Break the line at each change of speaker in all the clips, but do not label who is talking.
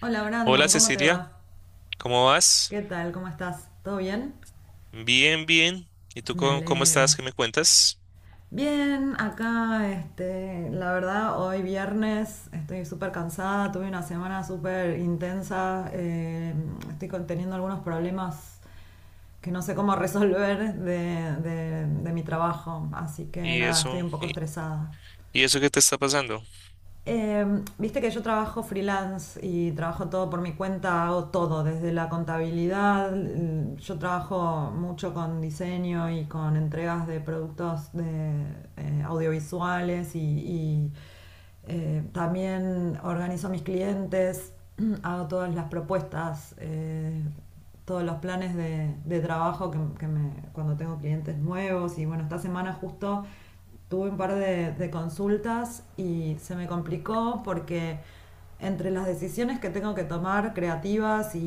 Hola
Hola
Brandon, ¿cómo te
Cecilia,
va?
¿cómo vas?
¿Qué tal? ¿Cómo estás? ¿Todo bien?
Bien, bien. ¿Y tú
Me
cómo estás?
alegro.
¿Qué me cuentas?
Bien, acá, la verdad, hoy viernes estoy súper cansada, tuve una semana súper intensa, estoy teniendo algunos problemas que no sé cómo resolver de mi trabajo, así que
¿Y
nada, estoy
eso?
un poco
¿Y,
estresada.
y eso qué te está pasando?
Viste que yo trabajo freelance y trabajo todo por mi cuenta, hago todo, desde la contabilidad, yo trabajo mucho con diseño y con entregas de productos de audiovisuales y también organizo mis clientes, hago todas las propuestas, todos los planes de trabajo que cuando tengo clientes nuevos y bueno, esta semana justo tuve un par de consultas y se me complicó porque entre las decisiones que tengo que tomar creativas y,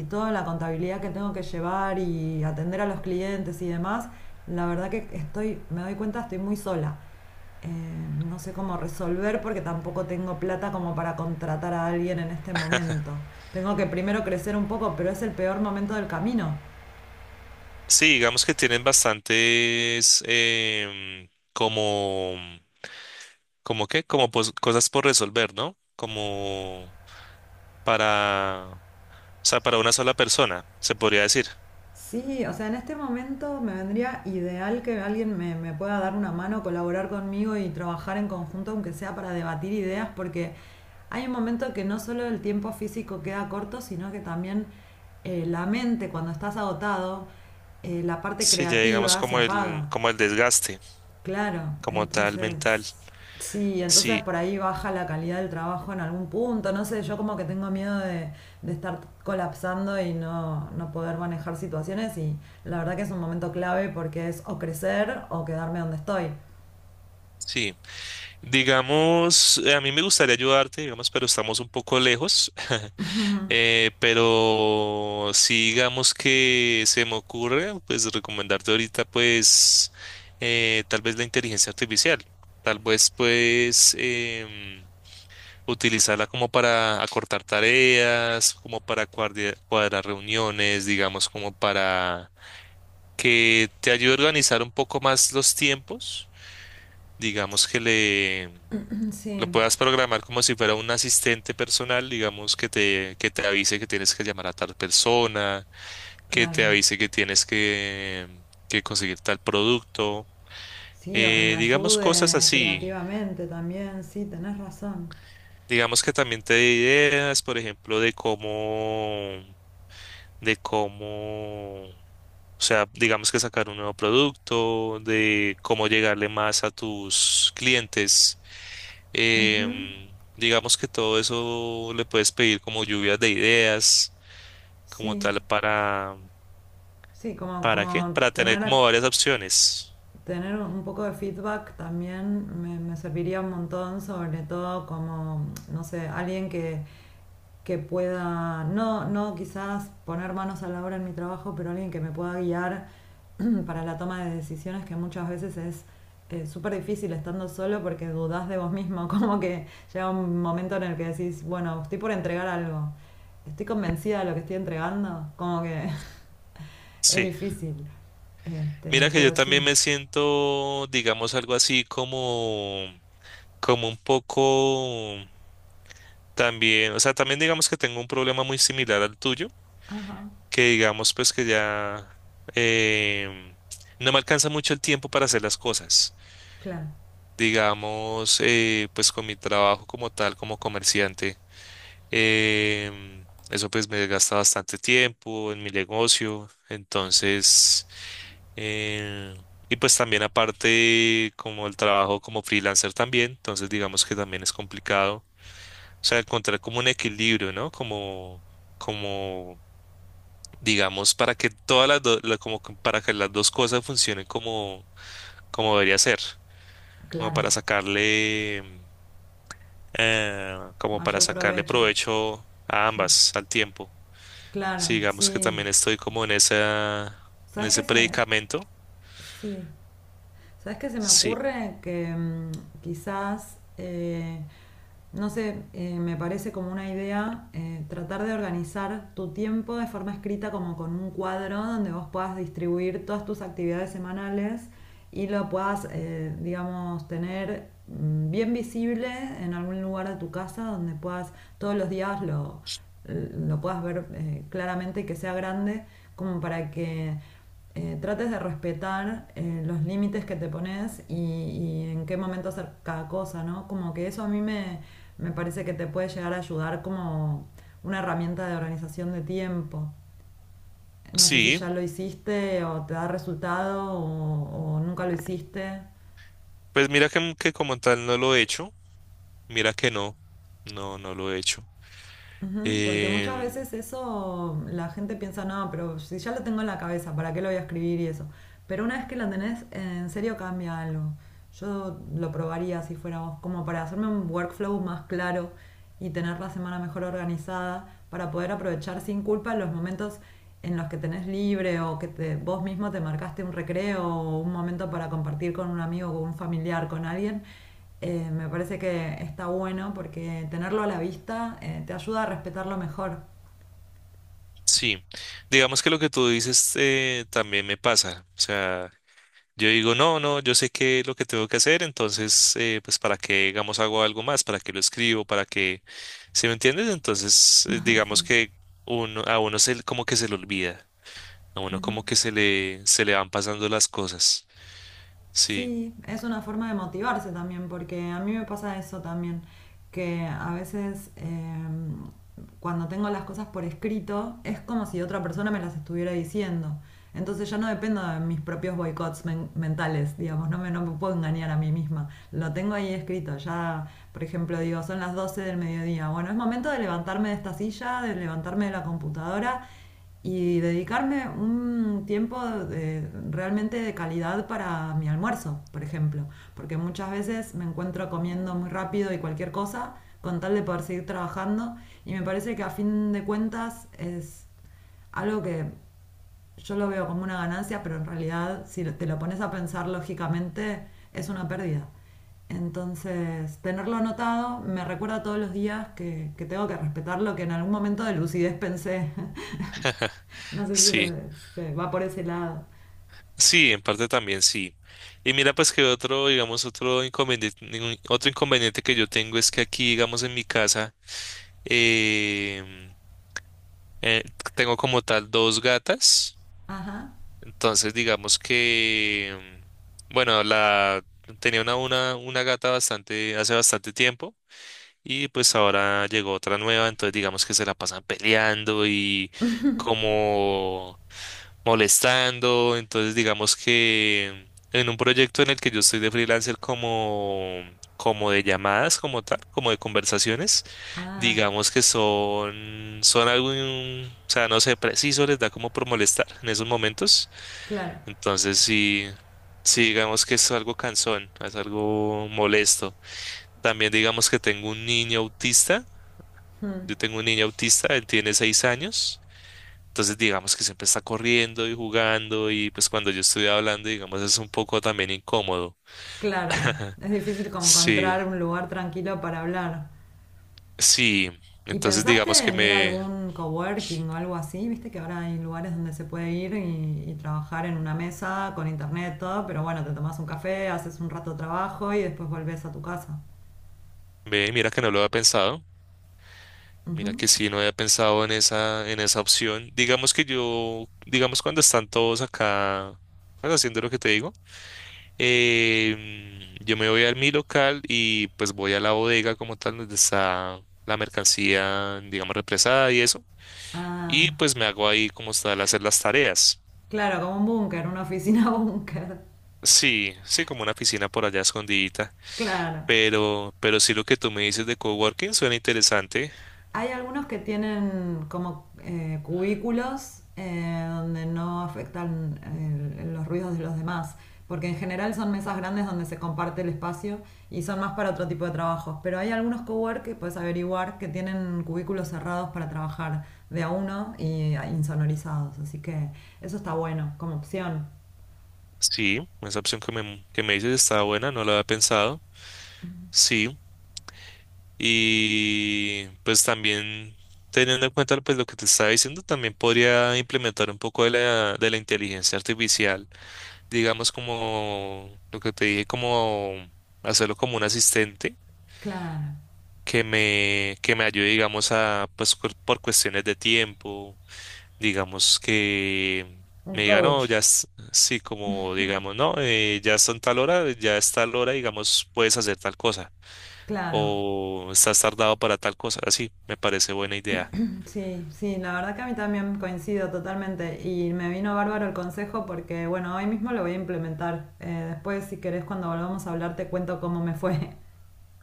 y toda la contabilidad que tengo que llevar y atender a los clientes y demás, la verdad que estoy, me doy cuenta, estoy muy sola. Eh, no sé cómo resolver porque tampoco tengo plata como para contratar a alguien en este momento. Tengo que primero crecer un poco, pero es el peor momento del camino.
Sí, digamos que tienen bastantes como, como qué, como cosas por resolver, ¿no? Como para, o sea, para una sola persona, se podría decir.
Sí, o sea, en este momento me vendría ideal que alguien me pueda dar una mano, colaborar conmigo y trabajar en conjunto, aunque sea para debatir ideas, porque hay un momento que no solo el tiempo físico queda corto, sino que también la mente, cuando estás agotado, la parte
Sí, ya digamos
creativa se apaga.
como el desgaste,
Claro,
como tal mental.
entonces, sí, entonces
Sí,
por ahí baja la calidad del trabajo en algún punto, no sé, yo como que tengo miedo de estar colapsando y no poder manejar situaciones y la verdad que es un momento clave porque es o crecer o quedarme donde estoy.
sí. Digamos, a mí me gustaría ayudarte, digamos, pero estamos un poco lejos. Pero sí, digamos que se me ocurre, pues recomendarte ahorita, pues, tal vez la inteligencia artificial. Tal vez, pues, utilizarla como para acortar tareas, como para cuadrar reuniones, digamos, como para que te ayude a organizar un poco más los tiempos. Digamos que le lo
Sí,
puedas programar como si fuera un asistente personal, digamos, que te avise que tienes que llamar a tal persona, que te
claro,
avise que tienes que conseguir tal producto.
sí, o que me
Digamos cosas
ayude
así.
creativamente también, sí, tenés razón,
Digamos que también te dé ideas, por ejemplo, de cómo, o sea, digamos que sacar un nuevo producto, de cómo llegarle más a tus clientes. Digamos que todo eso le puedes pedir como lluvias de ideas, como
sí,
tal,
sí, como,
¿para qué?
como
Para tener
tener
como varias opciones.
tener un poco de feedback también me serviría un montón, sobre todo como, no sé, alguien que pueda, no, no quizás poner manos a la obra en mi trabajo, pero alguien que me pueda guiar para la toma de decisiones que muchas veces es súper difícil estando solo porque dudás de vos mismo, como que llega un momento en el que decís, bueno, estoy por entregar algo, estoy convencida de lo que estoy entregando, como que es
Sí.
difícil,
Mira que yo
pero
también
sí,
me siento, digamos, algo así como, como un poco también, o sea, también digamos que tengo un problema muy similar al tuyo,
ajá,
que digamos pues que ya em, no me alcanza mucho el tiempo para hacer las cosas.
claro.
Digamos, pues con mi trabajo como tal, como comerciante. Eso pues me gasta bastante tiempo en mi negocio. Entonces, eh, y pues también aparte como el trabajo como freelancer también, entonces digamos que también es complicado. O sea, encontrar como un equilibrio, ¿no? Como, como, digamos, para que todas las dos, como que para que las dos cosas funcionen como, como debería ser, como
Claro.
para sacarle, como para
Mayor
sacarle
provecho.
provecho a
Sí.
ambas al tiempo. Sí,
Claro,
digamos que
sí.
también estoy como en esa, en
¿Sabes
ese
qué se.?
predicamento.
Sí. ¿Sabes qué se me
Sí,
ocurre? Que quizás, no sé, me parece como una idea tratar de organizar tu tiempo de forma escrita como con un cuadro donde vos puedas distribuir todas tus actividades semanales y lo puedas, digamos, tener bien visible en algún lugar de tu casa donde puedas todos los días lo puedas ver claramente y que sea grande como para que trates de respetar los límites que te pones y en qué momento hacer cada cosa, ¿no? Como que eso a mí me parece que te puede llegar a ayudar como una herramienta de organización de tiempo. No sé si ya
sí,
lo hiciste o te da resultado o nunca lo hiciste.
pues mira que como tal no lo he hecho, mira que no, no, no lo he hecho.
Ujú. Porque muchas
Em,
veces eso la gente piensa, no, pero si ya lo tengo en la cabeza, ¿para qué lo voy a escribir y eso? Pero una vez que la tenés, en serio cambia algo. Yo lo probaría si fuera vos, como para hacerme un workflow más claro y tener la semana mejor organizada, para poder aprovechar sin culpa los momentos en los que tenés libre o que vos mismo te marcaste un recreo o un momento para compartir con un amigo, con un familiar, con alguien me parece que está bueno porque tenerlo a la vista te ayuda a respetarlo mejor.
sí, digamos que lo que tú dices también me pasa, o sea, yo digo, no, no, yo sé qué es lo que tengo que hacer, entonces, pues para qué, digamos, hago algo más, para qué lo escribo, para qué, ¿sí me entiendes? Entonces, digamos
Sí.
que uno, a uno se, como que se le olvida. A uno como que se le van pasando las cosas. Sí,
Sí, es una forma de motivarse también, porque a mí me pasa eso también, que a veces cuando tengo las cosas por escrito es como si otra persona me las estuviera diciendo. Entonces ya no dependo de mis propios boicots mentales, digamos, no me puedo engañar a mí misma. Lo tengo ahí escrito, ya, por ejemplo, digo, son las 12 del mediodía. Bueno, es momento de levantarme de esta silla, de levantarme de la computadora y dedicarme un tiempo realmente de calidad para mi almuerzo, por ejemplo, porque muchas veces me encuentro comiendo muy rápido y cualquier cosa con tal de poder seguir trabajando y me parece que a fin de cuentas es algo que yo lo veo como una ganancia, pero en realidad si te lo pones a pensar lógicamente es una pérdida. Entonces, tenerlo anotado me recuerda todos los días que tengo que respetar lo que en algún momento de lucidez pensé. No sé si
sí,
se va por ese lado.
sí, en parte también sí. Y mira, pues que otro, digamos, otro inconveniente que yo tengo es que aquí, digamos, en mi casa, em, eh, tengo como tal dos gatas. Entonces, digamos que, bueno, la tenía una gata bastante, hace bastante tiempo. Y pues ahora llegó otra nueva, entonces digamos que se la pasan peleando y como molestando. Entonces, digamos que en un proyecto en el que yo estoy de freelancer como, como de llamadas, como tal, como de conversaciones,
Ah,
digamos que son, son algo, o sea, no sé, preciso, les da como por molestar en esos momentos.
claro,
Entonces, sí. Sí, digamos que es algo cansón, es algo molesto. También digamos que tengo un niño autista. Yo tengo un niño autista, él tiene 6 años. Entonces, digamos que siempre está corriendo y jugando y pues cuando yo estoy hablando, digamos, es un poco también incómodo.
claro. Es difícil como
Sí,
encontrar un lugar tranquilo para hablar.
sí.
¿Y
Entonces, digamos
pensaste
que
en ir a
me,
algún coworking o algo así? Viste que ahora hay lugares donde se puede ir y trabajar en una mesa con internet, todo, pero bueno, te tomas un café, haces un rato de trabajo y después volvés a tu casa.
ve, mira que no lo había pensado. Mira que sí, no había pensado en esa opción. Digamos que yo, digamos cuando están todos acá, pues, haciendo lo que te digo, yo me voy a mi local y pues voy a la bodega como tal donde está la mercancía, digamos, represada y eso. Y
Ah,
pues me hago ahí como tal hacer las tareas.
claro, como un búnker, una oficina búnker.
Sí, sí, como una oficina por allá escondidita.
Claro.
Pero sí lo que tú me dices de coworking suena interesante.
Hay algunos que tienen como cubículos donde no afectan los ruidos de los demás, porque en general son mesas grandes donde se comparte el espacio y son más para otro tipo de trabajos. Pero hay algunos cowork que puedes averiguar que tienen cubículos cerrados para trabajar de a uno y insonorizados, así que eso está bueno como opción.
Sí, esa opción que me dices está buena, no la había pensado. Sí, y pues también teniendo en cuenta pues lo que te estaba diciendo, también podría implementar un poco de la inteligencia artificial. Digamos como lo que te dije, como hacerlo como un asistente
Claro,
que me ayude, digamos, a, pues por cuestiones de tiempo, digamos que
un
me diga, no,
coach,
ya, sí, como digamos, no, ya son tal hora, ya es tal hora, digamos, puedes hacer tal cosa
claro.
o estás tardado para tal cosa, así, me parece buena idea.
Sí, sí, la verdad que a mí también coincido totalmente y me vino bárbaro el consejo porque, bueno, hoy mismo lo voy a implementar. Después, si querés, cuando volvamos a hablar, te cuento cómo me fue.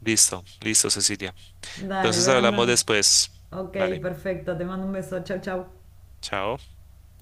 Listo, listo, Cecilia.
Dale,
Entonces hablamos
Brandon.
después.
Ok,
Vale,
perfecto, te mando un beso, chau, chau.
chao.